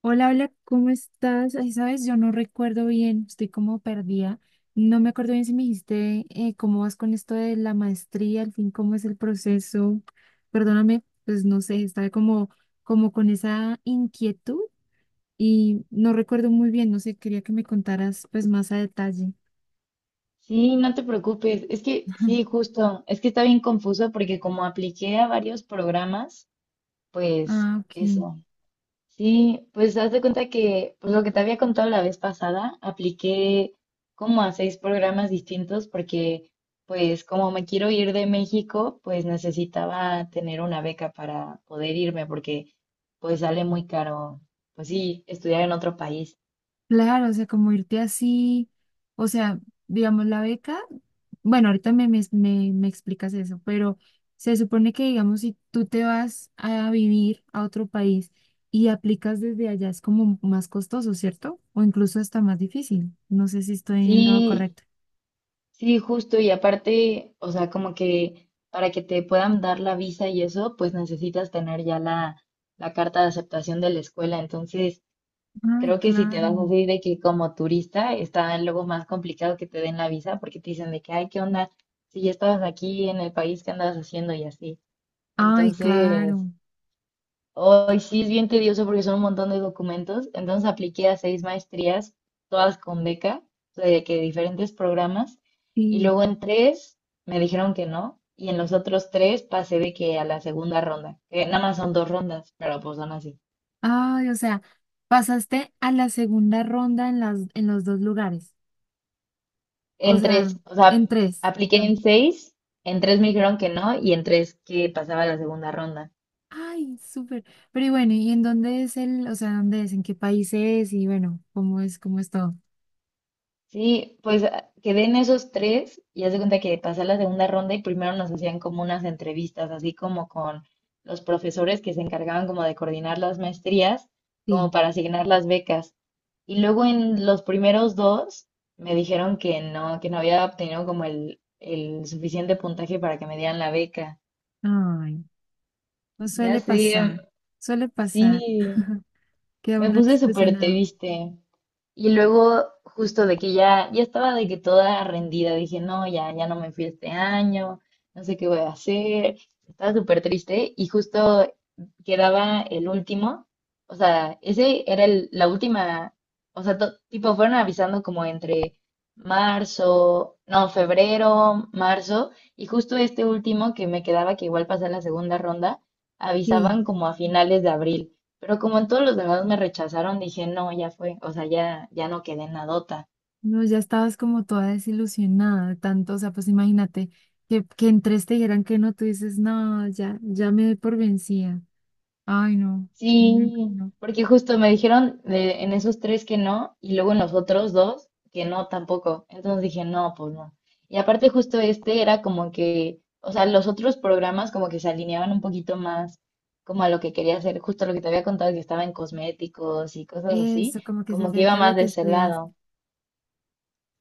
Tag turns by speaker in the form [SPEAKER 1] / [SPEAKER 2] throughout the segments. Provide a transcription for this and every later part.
[SPEAKER 1] Hola, hola, ¿cómo estás? Ay, sabes, yo no recuerdo bien, estoy como perdida. No me acuerdo bien si me dijiste cómo vas con esto de la maestría, al fin, cómo es el proceso. Perdóname, pues no sé, estaba como, como con esa inquietud y no recuerdo muy bien, no sé, quería que me contaras pues más a detalle.
[SPEAKER 2] Sí, no te preocupes. Es que sí, justo. Es que está bien confuso porque como apliqué a varios programas, pues
[SPEAKER 1] Ah, ok.
[SPEAKER 2] eso. Sí, pues haz de cuenta que pues lo que te había contado la vez pasada, apliqué como a seis programas distintos porque pues como me quiero ir de México, pues necesitaba tener una beca para poder irme porque pues sale muy caro, pues sí, estudiar en otro país.
[SPEAKER 1] Claro, o sea, como irte así, o sea, digamos, la beca, bueno, ahorita me explicas eso, pero se supone que, digamos, si tú te vas a vivir a otro país y aplicas desde allá, es como más costoso, ¿cierto? O incluso hasta más difícil. No sé si estoy en lo
[SPEAKER 2] Sí,
[SPEAKER 1] correcto.
[SPEAKER 2] sí, justo, y aparte, o sea, como que para que te puedan dar la visa y eso, pues necesitas tener ya la carta de aceptación de la escuela. Entonces,
[SPEAKER 1] Ay,
[SPEAKER 2] creo que si te
[SPEAKER 1] claro.
[SPEAKER 2] vas así de que como turista, está luego más complicado que te den la visa porque te dicen de que, ay, ¿qué onda? Si ya estabas aquí en el país, ¿qué andabas haciendo? Y así.
[SPEAKER 1] Ay,
[SPEAKER 2] Entonces,
[SPEAKER 1] claro.
[SPEAKER 2] hoy sí es bien tedioso porque son un montón de documentos. Entonces apliqué a seis maestrías, todas con beca, o sea, de que diferentes programas. Y
[SPEAKER 1] Sí.
[SPEAKER 2] luego en tres me dijeron que no. Y en los otros tres pasé de que a la segunda ronda, que nada más son dos rondas, pero pues son así.
[SPEAKER 1] Ay, o sea, pasaste a la segunda ronda en los dos lugares. O
[SPEAKER 2] En
[SPEAKER 1] sea,
[SPEAKER 2] tres, o sea,
[SPEAKER 1] en tres.
[SPEAKER 2] apliqué
[SPEAKER 1] Ah.
[SPEAKER 2] en seis, en tres
[SPEAKER 1] Ok.
[SPEAKER 2] me dijeron que no y en tres que pasaba a la segunda ronda.
[SPEAKER 1] Ay, súper. Pero y bueno, ¿y en dónde es dónde es, en qué país es y bueno, cómo es todo?
[SPEAKER 2] Sí, pues quedé en esos tres y haz de cuenta que pasé la segunda ronda y primero nos hacían como unas entrevistas, así como con los profesores que se encargaban como de coordinar las maestrías,
[SPEAKER 1] Sí.
[SPEAKER 2] como para asignar las becas. Y luego en los primeros dos me dijeron que no había obtenido como el suficiente puntaje para que me dieran la beca.
[SPEAKER 1] Ay, no
[SPEAKER 2] Ya
[SPEAKER 1] suele
[SPEAKER 2] sé,
[SPEAKER 1] pasar, suele pasar
[SPEAKER 2] sí,
[SPEAKER 1] que
[SPEAKER 2] me
[SPEAKER 1] uno es
[SPEAKER 2] puse súper
[SPEAKER 1] desilusionado.
[SPEAKER 2] triste. Y luego, justo de que ya, ya estaba de que toda rendida, dije, no, ya, ya no me fui este año, no sé qué voy a hacer. Estaba súper triste y justo quedaba el último, o sea, ese era la última, o sea, tipo, fueron avisando como entre marzo, no, febrero, marzo, y justo este último que me quedaba, que igual pasé la segunda ronda,
[SPEAKER 1] Sí,
[SPEAKER 2] avisaban como a finales de abril. Pero como en todos los demás me rechazaron, dije, no, ya fue, o sea, ya, ya no quedé en nadota.
[SPEAKER 1] no, ya estabas como toda desilusionada de tanto, o sea, pues imagínate que en tres te dijeran que no, tú dices, no, ya, ya me doy por vencida. Ay, no, no, no,
[SPEAKER 2] Sí,
[SPEAKER 1] no.
[SPEAKER 2] porque justo me dijeron en esos tres que no, y luego en los otros dos que no tampoco. Entonces dije, no, pues no. Y aparte justo este era como que, o sea, los otros programas como que se alineaban un poquito más como a lo que quería hacer, justo lo que te había contado que estaba en cosméticos y cosas así,
[SPEAKER 1] Eso, como que se
[SPEAKER 2] como que iba
[SPEAKER 1] acerca a
[SPEAKER 2] más
[SPEAKER 1] lo que
[SPEAKER 2] de ese
[SPEAKER 1] estudias.
[SPEAKER 2] lado.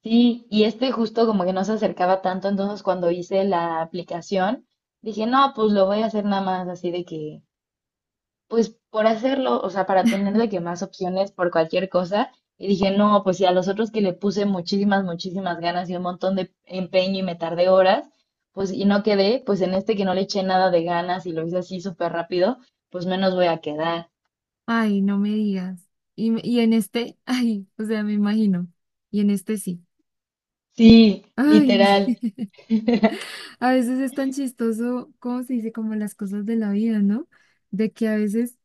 [SPEAKER 2] Sí, y este justo como que no se acercaba tanto, entonces cuando hice la aplicación, dije, no, pues lo voy a hacer nada más así de que, pues por hacerlo, o sea, para tener de que más opciones por cualquier cosa. Y dije, no, pues si a los otros que le puse muchísimas, muchísimas ganas y un montón de empeño y me tardé horas, pues y no quedé, pues en este que no le eché nada de ganas y lo hice así súper rápido, pues menos voy a quedar.
[SPEAKER 1] Ay, no me digas. Y en este, ay, o sea, me imagino. Y en este sí.
[SPEAKER 2] Sí,
[SPEAKER 1] Ay,
[SPEAKER 2] literal.
[SPEAKER 1] a veces es tan chistoso, ¿cómo se dice? Como las cosas de la vida, ¿no? De que a veces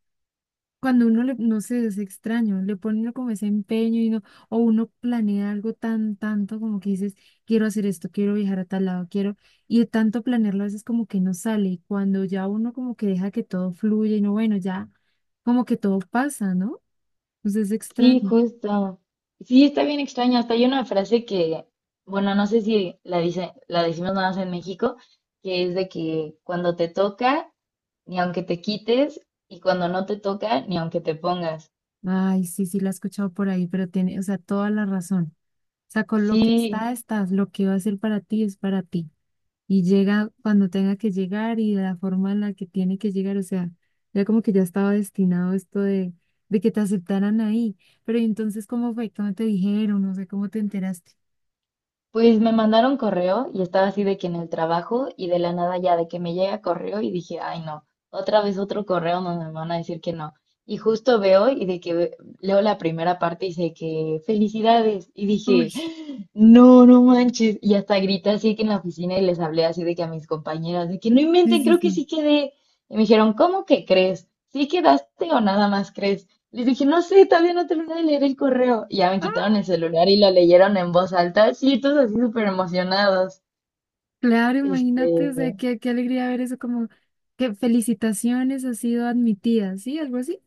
[SPEAKER 1] cuando uno le, no sé, es extraño, le pone uno como ese empeño y no, o uno planea algo tan, tanto como que dices, quiero hacer esto, quiero viajar a tal lado, quiero, y de tanto planearlo a veces como que no sale. Y cuando ya uno como que deja que todo fluya y no, bueno, ya como que todo pasa, ¿no? Entonces es
[SPEAKER 2] Sí,
[SPEAKER 1] extraño.
[SPEAKER 2] justo. Sí, está bien extraño. Hasta hay una frase que, bueno, no sé si la dice, la decimos nada más en México, que es de que cuando te toca, ni aunque te quites, y cuando no te toca, ni aunque te pongas.
[SPEAKER 1] Ay, sí, sí, la he escuchado por ahí, pero tiene, o sea, toda la razón. O sea, con lo que
[SPEAKER 2] Sí,
[SPEAKER 1] estás lo que va a ser para ti es para ti. Y llega cuando tenga que llegar y de la forma en la que tiene que llegar, o sea, ya como que ya estaba destinado esto de que te aceptaran ahí. Pero ¿y entonces, ¿cómo fue? ¿Cómo te dijeron? No sé, ¿cómo te enteraste?
[SPEAKER 2] pues me mandaron correo y estaba así de que en el trabajo y de la nada ya de que me llega correo y dije, ay no, otra vez otro correo donde me van a decir que no. Y justo veo y de que leo la primera parte y dice que felicidades. Y
[SPEAKER 1] Uy,
[SPEAKER 2] dije, no, no manches. Y hasta grité así que en la oficina y les hablé así de que a mis compañeras, de que no
[SPEAKER 1] sí,
[SPEAKER 2] inventen,
[SPEAKER 1] sí,
[SPEAKER 2] creo que
[SPEAKER 1] sí.
[SPEAKER 2] sí quedé. Y me dijeron, ¿cómo que crees? ¿Sí quedaste o nada más crees? Les dije, no sé, todavía no terminé de leer el correo. Y ya me quitaron
[SPEAKER 1] Ah,
[SPEAKER 2] el celular y lo leyeron en voz alta. Sí, todos así súper emocionados.
[SPEAKER 1] claro,
[SPEAKER 2] Este,
[SPEAKER 1] imagínate, o sea, qué, qué alegría ver eso, como que felicitaciones, ha sido admitida, ¿sí? Algo así.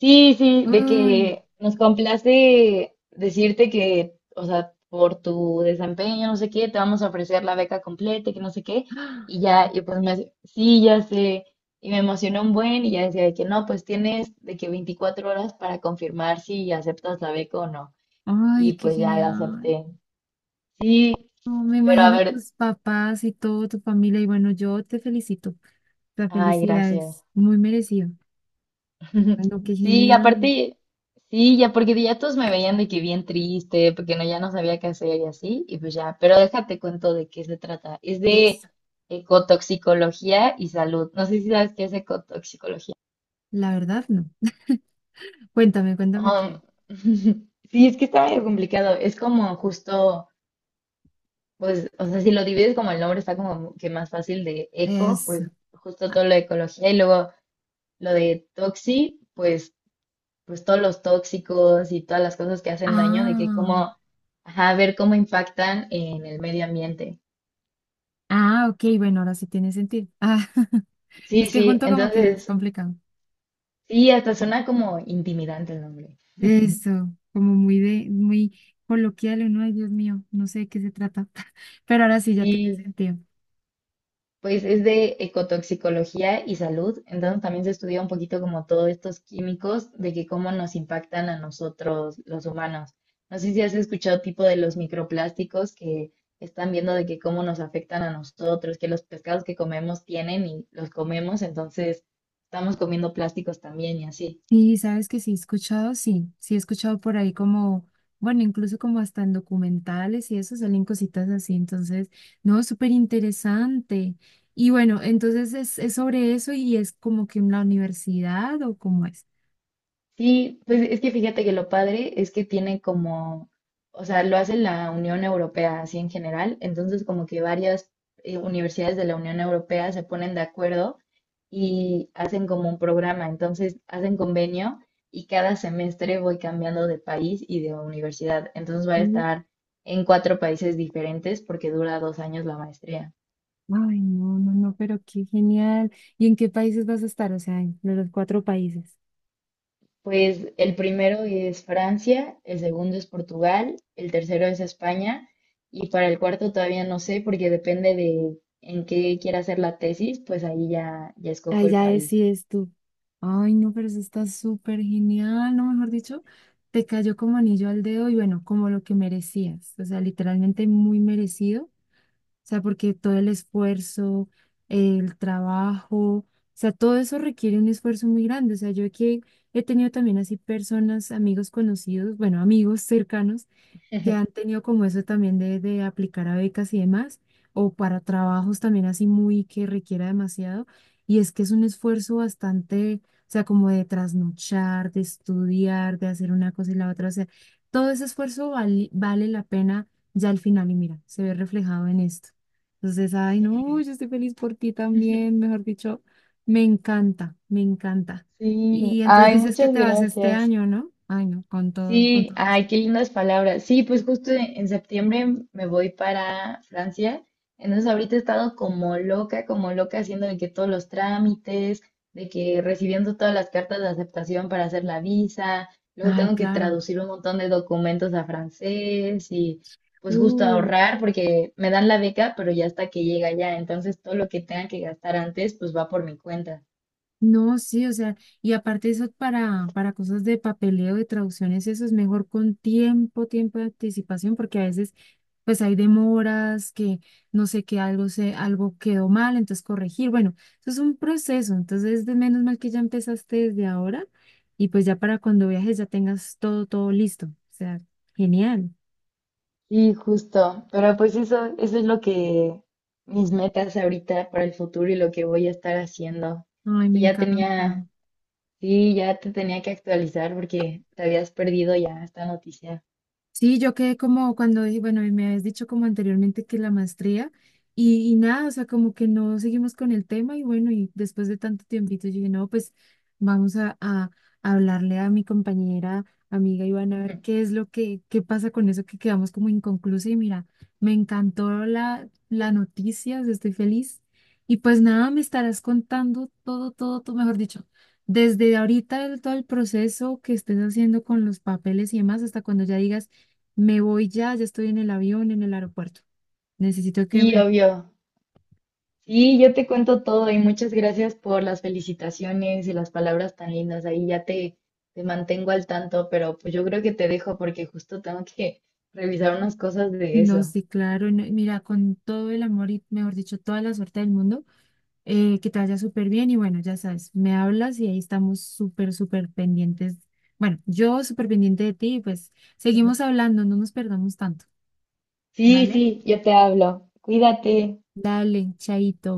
[SPEAKER 2] sí, sí, de
[SPEAKER 1] Uy.
[SPEAKER 2] que nos complace decirte que, o sea, por tu desempeño, no sé qué, te vamos a ofrecer la beca completa, y que no sé qué. Y ya, y pues me hace, sí, ya sé. Y me emocionó un buen y ya decía de que no, pues tienes de que 24 horas para confirmar si aceptas la beca o no. Y
[SPEAKER 1] Ay, qué
[SPEAKER 2] pues ya la
[SPEAKER 1] genial.
[SPEAKER 2] acepté. Sí,
[SPEAKER 1] No, me
[SPEAKER 2] pero a
[SPEAKER 1] imagino
[SPEAKER 2] ver,
[SPEAKER 1] tus papás y toda tu familia. Y bueno, yo te felicito. La
[SPEAKER 2] ay,
[SPEAKER 1] felicidad
[SPEAKER 2] gracias.
[SPEAKER 1] es muy merecida, bueno, qué
[SPEAKER 2] Sí,
[SPEAKER 1] genial.
[SPEAKER 2] aparte, sí, ya porque ya todos me veían de que bien triste, porque no, ya no sabía qué hacer y así, y pues ya, pero déjate cuento de qué se trata. Es de
[SPEAKER 1] Eso.
[SPEAKER 2] ecotoxicología y salud. No sé si sabes qué es ecotoxicología.
[SPEAKER 1] La verdad, no. Cuéntame, cuéntame
[SPEAKER 2] Um,
[SPEAKER 1] qué.
[SPEAKER 2] sí, es que está medio complicado. Es como justo, pues, o sea, si lo divides como el nombre está como que más fácil de eco,
[SPEAKER 1] Eso.
[SPEAKER 2] pues justo todo lo de ecología y luego lo de toxi, pues pues todos los tóxicos y todas las cosas que hacen daño, de que
[SPEAKER 1] Ah,
[SPEAKER 2] cómo, ajá, ver cómo impactan en el medio ambiente.
[SPEAKER 1] ah, ok. Bueno, ahora sí tiene sentido. Ah,
[SPEAKER 2] Sí,
[SPEAKER 1] es que
[SPEAKER 2] sí,
[SPEAKER 1] junto como que es
[SPEAKER 2] entonces,
[SPEAKER 1] complicado.
[SPEAKER 2] sí, hasta suena como intimidante el nombre.
[SPEAKER 1] Eso, como muy de, muy coloquial, uno, ay, Dios mío, no sé de qué se trata. Pero ahora sí ya tiene
[SPEAKER 2] Sí,
[SPEAKER 1] sentido.
[SPEAKER 2] pues es de ecotoxicología y salud, entonces también se estudia un poquito como todos estos químicos de que cómo nos impactan a nosotros los humanos. No sé si has escuchado tipo de los microplásticos que están viendo de que cómo nos afectan a nosotros, que los pescados que comemos tienen y los comemos, entonces estamos comiendo plásticos también y así.
[SPEAKER 1] Y sabes que sí he escuchado, sí, sí he escuchado por ahí como, bueno, incluso como hasta en documentales y eso salen cositas así, entonces, no, súper interesante. Bueno, entonces es sobre eso y es como que en la universidad o cómo es.
[SPEAKER 2] Sí, pues es que fíjate que lo padre es que tiene como, o sea, lo hace la Unión Europea así en general, entonces como que varias universidades de la Unión Europea se ponen de acuerdo y hacen como un programa, entonces hacen convenio y cada semestre voy cambiando de país y de universidad, entonces voy a
[SPEAKER 1] Mm.
[SPEAKER 2] estar en cuatro países diferentes porque dura 2 años la maestría.
[SPEAKER 1] Ay, no, no, no, pero qué genial. ¿Y en qué países vas a estar? O sea, en los cuatro países.
[SPEAKER 2] Pues el primero es Francia, el segundo es Portugal, el tercero es España y para el cuarto todavía no sé porque depende de en qué quiera hacer la tesis, pues ahí ya, ya escojo
[SPEAKER 1] Ahí
[SPEAKER 2] el
[SPEAKER 1] ya
[SPEAKER 2] país.
[SPEAKER 1] decides tú. Ay, no, pero eso está súper genial, ¿no? Mejor dicho, te cayó como anillo al dedo y bueno, como lo que merecías. O sea, literalmente muy merecido. O sea, porque todo el esfuerzo, el trabajo, o sea, todo eso requiere un esfuerzo muy grande. O sea, yo aquí he tenido también así personas, amigos conocidos, bueno, amigos cercanos que han tenido como eso también de aplicar a becas y demás, o para trabajos también así muy que requiera demasiado. Y es que es un esfuerzo bastante, o sea, como de trasnochar, de estudiar, de hacer una cosa y la otra. O sea, todo ese esfuerzo vale, vale la pena ya al final y mira, se ve reflejado en esto. Entonces, ay,
[SPEAKER 2] Sí,
[SPEAKER 1] no, yo estoy feliz por ti también, mejor dicho, me encanta, me encanta.
[SPEAKER 2] sí.
[SPEAKER 1] Y entonces
[SPEAKER 2] Ay,
[SPEAKER 1] dices que
[SPEAKER 2] muchas
[SPEAKER 1] te vas este
[SPEAKER 2] gracias.
[SPEAKER 1] año, ¿no? Ay, no, con todo, con
[SPEAKER 2] Sí,
[SPEAKER 1] todo gusto.
[SPEAKER 2] ay, qué lindas palabras. Sí, pues justo en septiembre me voy para Francia. Entonces ahorita he estado como loca haciendo de que todos los trámites, de que recibiendo todas las cartas de aceptación para hacer la visa, luego
[SPEAKER 1] Ay,
[SPEAKER 2] tengo que
[SPEAKER 1] claro.
[SPEAKER 2] traducir un montón de documentos a francés y pues justo
[SPEAKER 1] Uh,
[SPEAKER 2] ahorrar porque me dan la beca, pero ya hasta que llega ya. Entonces todo lo que tenga que gastar antes, pues va por mi cuenta.
[SPEAKER 1] no, sí, o sea, y aparte eso para cosas de papeleo, de traducciones, eso es mejor con tiempo, tiempo de anticipación, porque a veces pues hay demoras, que no sé que algo se, algo quedó mal, entonces corregir. Bueno, eso es un proceso, entonces de menos mal que ya empezaste desde ahora, y pues ya para cuando viajes ya tengas todo, todo listo. O sea, genial.
[SPEAKER 2] Sí, justo. Pero pues eso es lo que mis metas ahorita para el futuro y lo que voy a estar haciendo.
[SPEAKER 1] Ay, me
[SPEAKER 2] Y ya
[SPEAKER 1] encanta.
[SPEAKER 2] tenía, sí, ya te tenía que actualizar porque te habías perdido ya esta noticia.
[SPEAKER 1] Sí, yo quedé como cuando, bueno, y me habías dicho como anteriormente que la maestría y nada, o sea, como que no seguimos con el tema y bueno, y después de tanto tiempito yo dije, no, pues vamos a hablarle a mi compañera, amiga Ivana, a ver
[SPEAKER 2] Ujú.
[SPEAKER 1] qué es lo que, qué pasa con eso que quedamos como inconclusa y mira, me encantó la noticia, o sea, estoy feliz y pues nada, me estarás contando todo, todo, todo, mejor dicho, desde ahorita el, todo el proceso que estés haciendo con los papeles y demás, hasta cuando ya digas, me voy ya, ya estoy en el avión, en el aeropuerto. Necesito que me...
[SPEAKER 2] Sí, obvio. Sí, yo te cuento todo y muchas gracias por las felicitaciones y las palabras tan lindas. Ahí ya te mantengo al tanto, pero pues yo creo que te dejo porque justo tengo que revisar unas cosas de
[SPEAKER 1] No,
[SPEAKER 2] eso.
[SPEAKER 1] sí, claro, no, mira, con todo el amor y, mejor dicho, toda la suerte del mundo, que te vaya súper bien y bueno, ya sabes, me hablas y ahí estamos súper, súper pendientes. Bueno, yo súper pendiente de ti y pues seguimos hablando, no nos perdamos tanto,
[SPEAKER 2] Sí,
[SPEAKER 1] ¿vale?
[SPEAKER 2] sí, yo te hablo. Cuídate.
[SPEAKER 1] Dale, chaito.